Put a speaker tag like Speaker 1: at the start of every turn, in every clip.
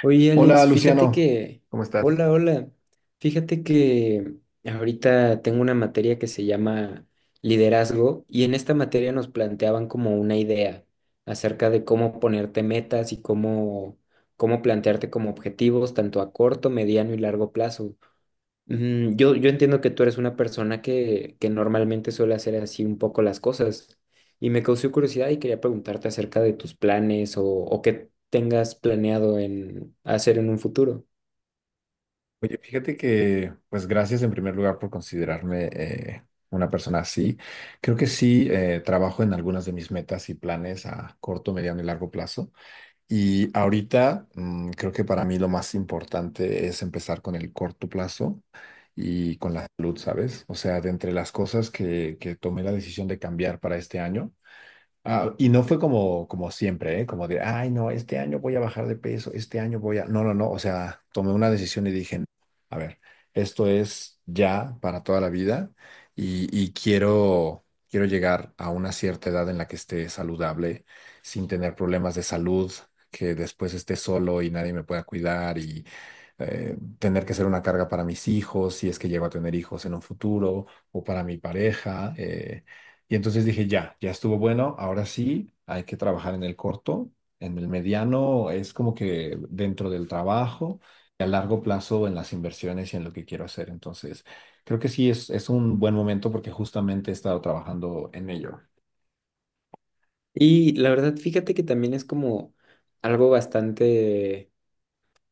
Speaker 1: Oye,
Speaker 2: Hola
Speaker 1: Alex, fíjate
Speaker 2: Luciano,
Speaker 1: que,
Speaker 2: ¿cómo estás?
Speaker 1: hola, hola, fíjate que ahorita tengo una materia que se llama liderazgo y en esta materia nos planteaban como una idea acerca de cómo ponerte metas y cómo plantearte como objetivos tanto a corto, mediano y largo plazo. Yo entiendo que tú eres una persona que normalmente suele hacer así un poco las cosas y me causó curiosidad y quería preguntarte acerca de tus planes o qué tengas planeado en hacer en un futuro.
Speaker 2: Oye, fíjate que, pues gracias en primer lugar por considerarme una persona así. Creo que sí, trabajo en algunas de mis metas y planes a corto, mediano y largo plazo. Y ahorita creo que para mí lo más importante es empezar con el corto plazo y con la salud, ¿sabes? O sea, de entre las cosas que tomé la decisión de cambiar para este año. Ah, y no fue como siempre, ¿eh? Como de, ay, no, este año voy a bajar de peso, No, no, no, o sea, tomé una decisión y dije, a ver, esto es ya para toda la vida y quiero llegar a una cierta edad en la que esté saludable, sin tener problemas de salud, que después esté solo y nadie me pueda cuidar y tener que ser una carga para mis hijos, si es que llego a tener hijos en un futuro, o para mi pareja. Y entonces dije, ya, ya estuvo bueno, ahora sí, hay que trabajar en el corto, en el mediano, es como que dentro del trabajo y a largo plazo en las inversiones y en lo que quiero hacer. Entonces, creo que sí es un buen momento porque justamente he estado trabajando en ello.
Speaker 1: Y la verdad, fíjate que también es como algo bastante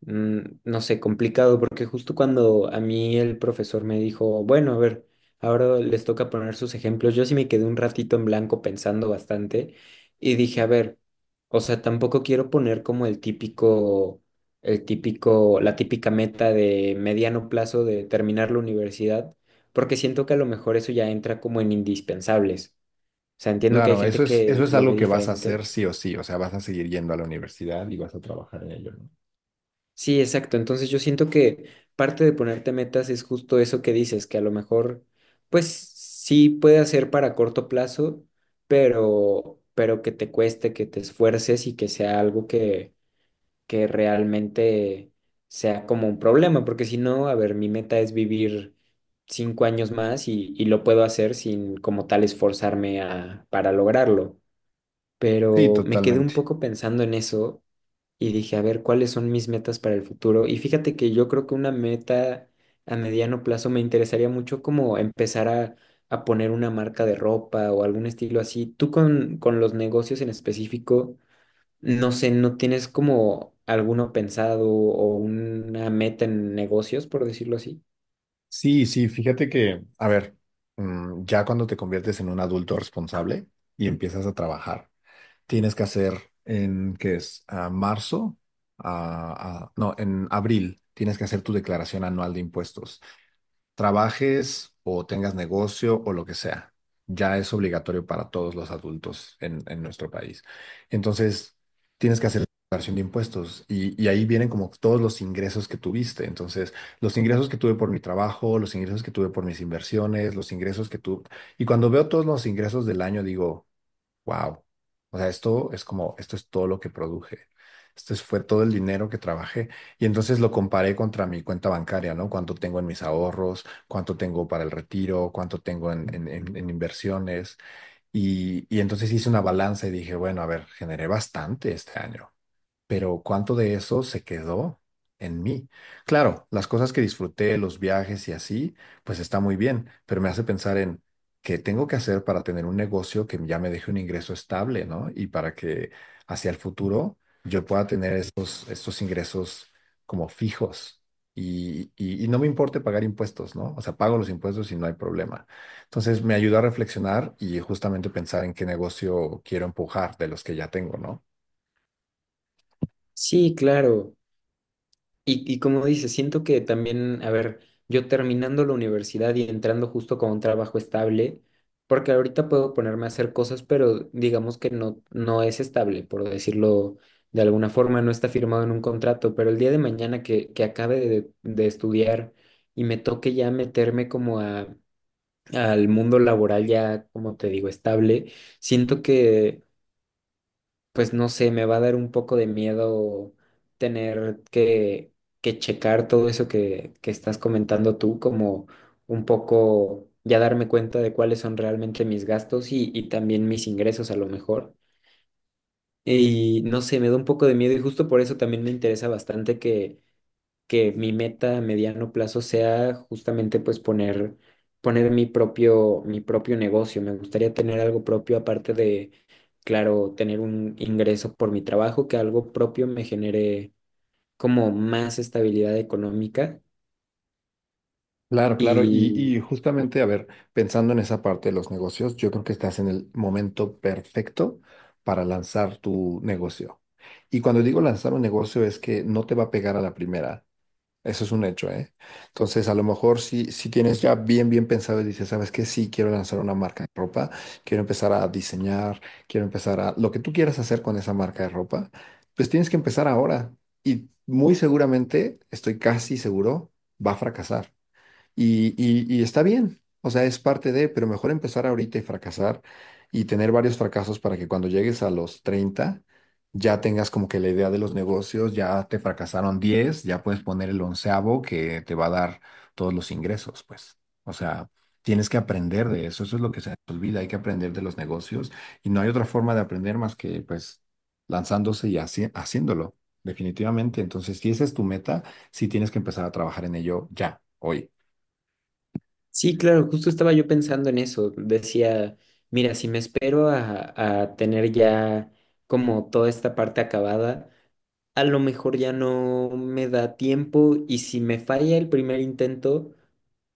Speaker 1: no sé, complicado, porque justo cuando a mí el profesor me dijo, bueno, a ver, ahora les toca poner sus ejemplos, yo sí me quedé un ratito en blanco pensando bastante y dije, a ver, o sea, tampoco quiero poner como el típico, la típica meta de mediano plazo de terminar la universidad, porque siento que a lo mejor eso ya entra como en indispensables. O sea, entiendo que hay
Speaker 2: Claro, eso
Speaker 1: gente
Speaker 2: es, eso
Speaker 1: que
Speaker 2: es
Speaker 1: lo
Speaker 2: algo
Speaker 1: ve
Speaker 2: que vas a hacer
Speaker 1: diferente.
Speaker 2: sí o sí, o sea, vas a seguir yendo a la universidad y vas a trabajar en ello, ¿no?
Speaker 1: Sí, exacto. Entonces yo siento que parte de ponerte metas es justo eso que dices, que a lo mejor, pues sí puede ser para corto plazo, pero que te cueste, que te esfuerces y que sea algo que realmente sea como un problema, porque si no, a ver, mi meta es vivir 5 años más y lo puedo hacer sin como tal esforzarme a, para lograrlo,
Speaker 2: Sí,
Speaker 1: pero me quedé un
Speaker 2: totalmente.
Speaker 1: poco pensando en eso y dije, a ver, ¿cuáles son mis metas para el futuro? Y fíjate que yo creo que una meta a mediano plazo me interesaría mucho como empezar a poner una marca de ropa o algún estilo así. Tú con los negocios en específico, no sé, ¿no tienes como alguno pensado o una meta en negocios, por decirlo así?
Speaker 2: Sí, sí, fíjate que, a ver, ya cuando te conviertes en un adulto responsable y empiezas a trabajar. Tienes que hacer en, ¿qué es? A marzo, no, en abril tienes que hacer tu declaración anual de impuestos. Trabajes o tengas negocio o lo que sea. Ya es obligatorio para todos los adultos en nuestro país. Entonces, tienes que hacer tu declaración de impuestos y ahí vienen como todos los ingresos que tuviste. Entonces, los ingresos que tuve por mi trabajo, los ingresos que tuve por mis inversiones, los ingresos que tuve. Y cuando veo todos los ingresos del año, digo. Wow. O sea, esto es como, esto es todo lo que produje. Fue todo el dinero que trabajé. Y entonces lo comparé contra mi cuenta bancaria, ¿no? Cuánto tengo en mis ahorros, cuánto tengo para el retiro, cuánto tengo en inversiones. Y entonces hice una balanza y dije, bueno, a ver, generé bastante este año pero ¿cuánto de eso se quedó en mí? Claro, las cosas que disfruté, los viajes y así, pues está muy bien, pero me hace pensar en qué tengo que hacer para tener un negocio que ya me deje un ingreso estable, ¿no? Y para que hacia el futuro yo pueda tener estos ingresos como fijos. Y no me importe pagar impuestos, ¿no? O sea, pago los impuestos y no hay problema. Entonces me ayudó a reflexionar y justamente pensar en qué negocio quiero empujar de los que ya tengo, ¿no?
Speaker 1: Sí, claro. Y como dices, siento que también, a ver, yo terminando la universidad y entrando justo con un trabajo estable, porque ahorita puedo ponerme a hacer cosas, pero digamos que no es estable, por decirlo de alguna forma, no está firmado en un contrato, pero el día de mañana que acabe de estudiar y me toque ya meterme como a, al mundo laboral ya, como te digo, estable, siento que pues no sé, me va a dar un poco de miedo tener que checar todo eso que estás comentando tú, como un poco ya darme cuenta de cuáles son realmente mis gastos y también mis ingresos a lo mejor. Y no sé, me da un poco de miedo y justo por eso también me interesa bastante que mi meta a mediano plazo sea justamente pues poner, poner mi propio negocio. Me gustaría tener algo propio aparte de, claro, tener un ingreso por mi trabajo, que algo propio me genere como más estabilidad económica.
Speaker 2: Claro, claro. Y,
Speaker 1: Y
Speaker 2: y justamente, a ver, pensando en esa parte de los negocios, yo creo que estás en el momento perfecto para lanzar tu negocio. Y cuando digo lanzar un negocio es que no te va a pegar a la primera. Eso es un hecho, ¿eh? Entonces, a lo mejor si tienes ya bien, bien pensado y dices, ¿sabes qué? Sí, quiero lanzar una marca de ropa, quiero empezar a diseñar, Lo que tú quieras hacer con esa marca de ropa, pues tienes que empezar ahora. Y muy seguramente, estoy casi seguro, va a fracasar. Y está bien, o sea, es parte de, pero mejor empezar ahorita y fracasar y tener varios fracasos para que cuando llegues a los 30 ya tengas como que la idea de los negocios, ya te fracasaron 10, ya puedes poner el 11.º que te va a dar todos los ingresos, pues. O sea, tienes que aprender de eso, eso es lo que se nos olvida, hay que aprender de los negocios y no hay otra forma de aprender más que pues lanzándose y haciéndolo, definitivamente. Entonces, si esa es tu meta, sí tienes que empezar a trabajar en ello ya, hoy.
Speaker 1: sí, claro, justo estaba yo pensando en eso. Decía, mira, si me espero a tener ya como toda esta parte acabada a lo mejor ya no me da tiempo y si me falla el primer intento,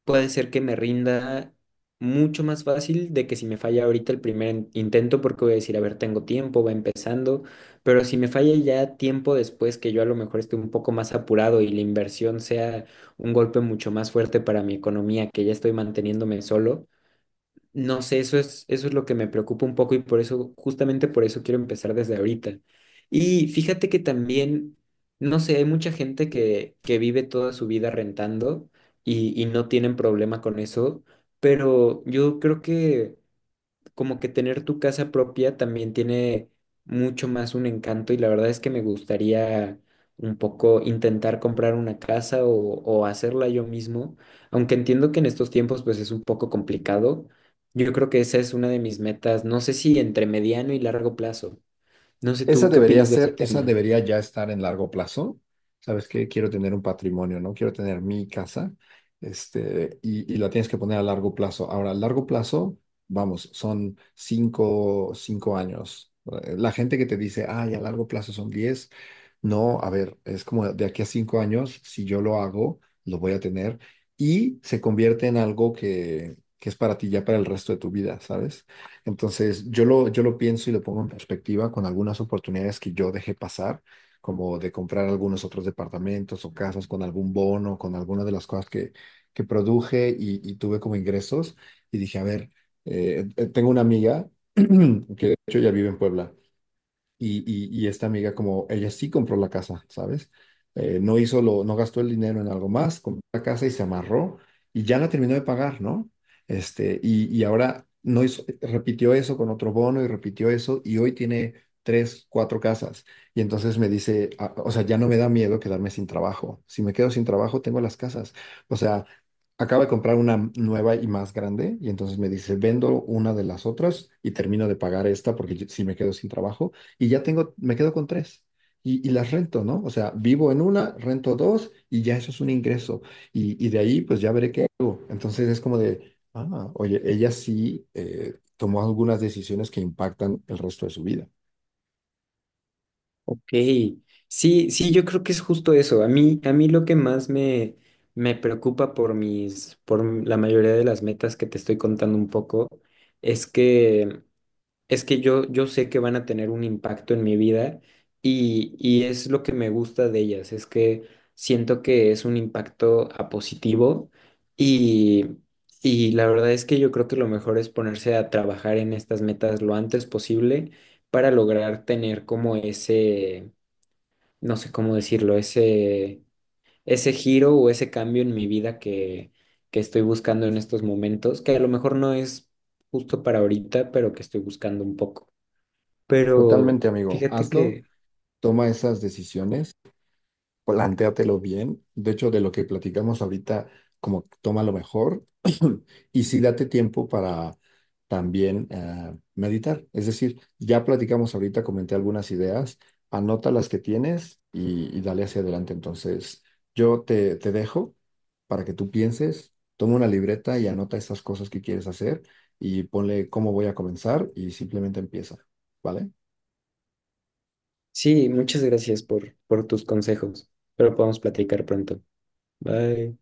Speaker 1: puede ser que me rinda mucho más fácil de que si me falla ahorita el primer intento, porque voy a decir, a ver, tengo tiempo, va empezando, pero si me falla ya tiempo después, que yo a lo mejor esté un poco más apurado y la inversión sea un golpe mucho más fuerte para mi economía, que ya estoy manteniéndome solo. No sé, eso es lo que me preocupa un poco y por eso, justamente por eso quiero empezar desde ahorita. Y fíjate que también, no sé, hay mucha gente que vive toda su vida rentando y no tienen problema con eso, pero yo creo que como que tener tu casa propia también tiene mucho más un encanto y la verdad es que me gustaría un poco intentar comprar una casa o hacerla yo mismo, aunque entiendo que en estos tiempos pues es un poco complicado. Yo creo que esa es una de mis metas, no sé si entre mediano y largo plazo. No sé
Speaker 2: Esa
Speaker 1: tú qué
Speaker 2: debería
Speaker 1: opinas de ese
Speaker 2: ser, esa
Speaker 1: tema.
Speaker 2: debería ya estar en largo plazo. ¿Sabes qué? Quiero tener un patrimonio, ¿no? Quiero tener mi casa, y la tienes que poner a largo plazo. Ahora, a largo plazo, vamos, son 5, 5 años. La gente que te dice, ay, a largo plazo son 10, no, a ver, es como de aquí a 5 años, si yo lo hago, lo voy a tener y se convierte en algo que es para ti ya para el resto de tu vida, ¿sabes? Entonces, yo lo pienso y lo pongo en perspectiva con algunas oportunidades que yo dejé pasar, como de comprar algunos otros departamentos o casas con algún bono, con alguna de las cosas que produje y tuve como ingresos. Y dije, a ver, tengo una amiga que de hecho ya vive en Puebla y esta amiga, como ella sí compró la casa, ¿sabes? No gastó el dinero en algo más, compró la casa y se amarró y ya la terminó de pagar, ¿no? Y ahora no hizo, repitió eso con otro bono y repitió eso y hoy tiene tres, cuatro casas. Y entonces me dice, ah, o sea, ya no me da miedo quedarme sin trabajo. Si me quedo sin trabajo, tengo las casas. O sea, acaba de comprar una nueva y más grande y entonces me dice, vendo una de las otras y termino de pagar esta porque si me quedo sin trabajo y ya tengo, me quedo con tres. Y las rento, ¿no? O sea, vivo en una, rento dos y ya eso es un ingreso. Y de ahí pues ya veré qué hago. Entonces es como de, ah, oye, ella sí tomó algunas decisiones que impactan el resto de su vida.
Speaker 1: Ok, sí, sí, yo creo que es justo eso. A mí lo que más me, me preocupa por mis, por m- la mayoría de las metas que te estoy contando un poco, es que, es que yo sé que van a tener un impacto en mi vida y es lo que me gusta de ellas, es que siento que es un impacto a positivo y, y la verdad es que yo creo que lo mejor es ponerse a trabajar en estas metas lo antes posible para lograr tener como ese, no sé cómo decirlo, ese giro o ese cambio en mi vida que estoy buscando en estos momentos, que a lo mejor no es justo para ahorita, pero que estoy buscando un poco. Pero
Speaker 2: Totalmente, amigo.
Speaker 1: fíjate
Speaker 2: Hazlo,
Speaker 1: que
Speaker 2: toma esas decisiones. Plantéatelo bien. De hecho, de lo que platicamos ahorita, como toma lo mejor y sí date tiempo para también meditar. Es decir, ya platicamos ahorita, comenté algunas ideas, anota las que tienes y dale hacia adelante. Entonces, yo te dejo para que tú pienses, toma una libreta y anota estas cosas que quieres hacer y ponle cómo voy a comenzar y simplemente empieza, ¿vale?
Speaker 1: sí, muchas gracias por tus consejos, pero podemos platicar pronto. Bye.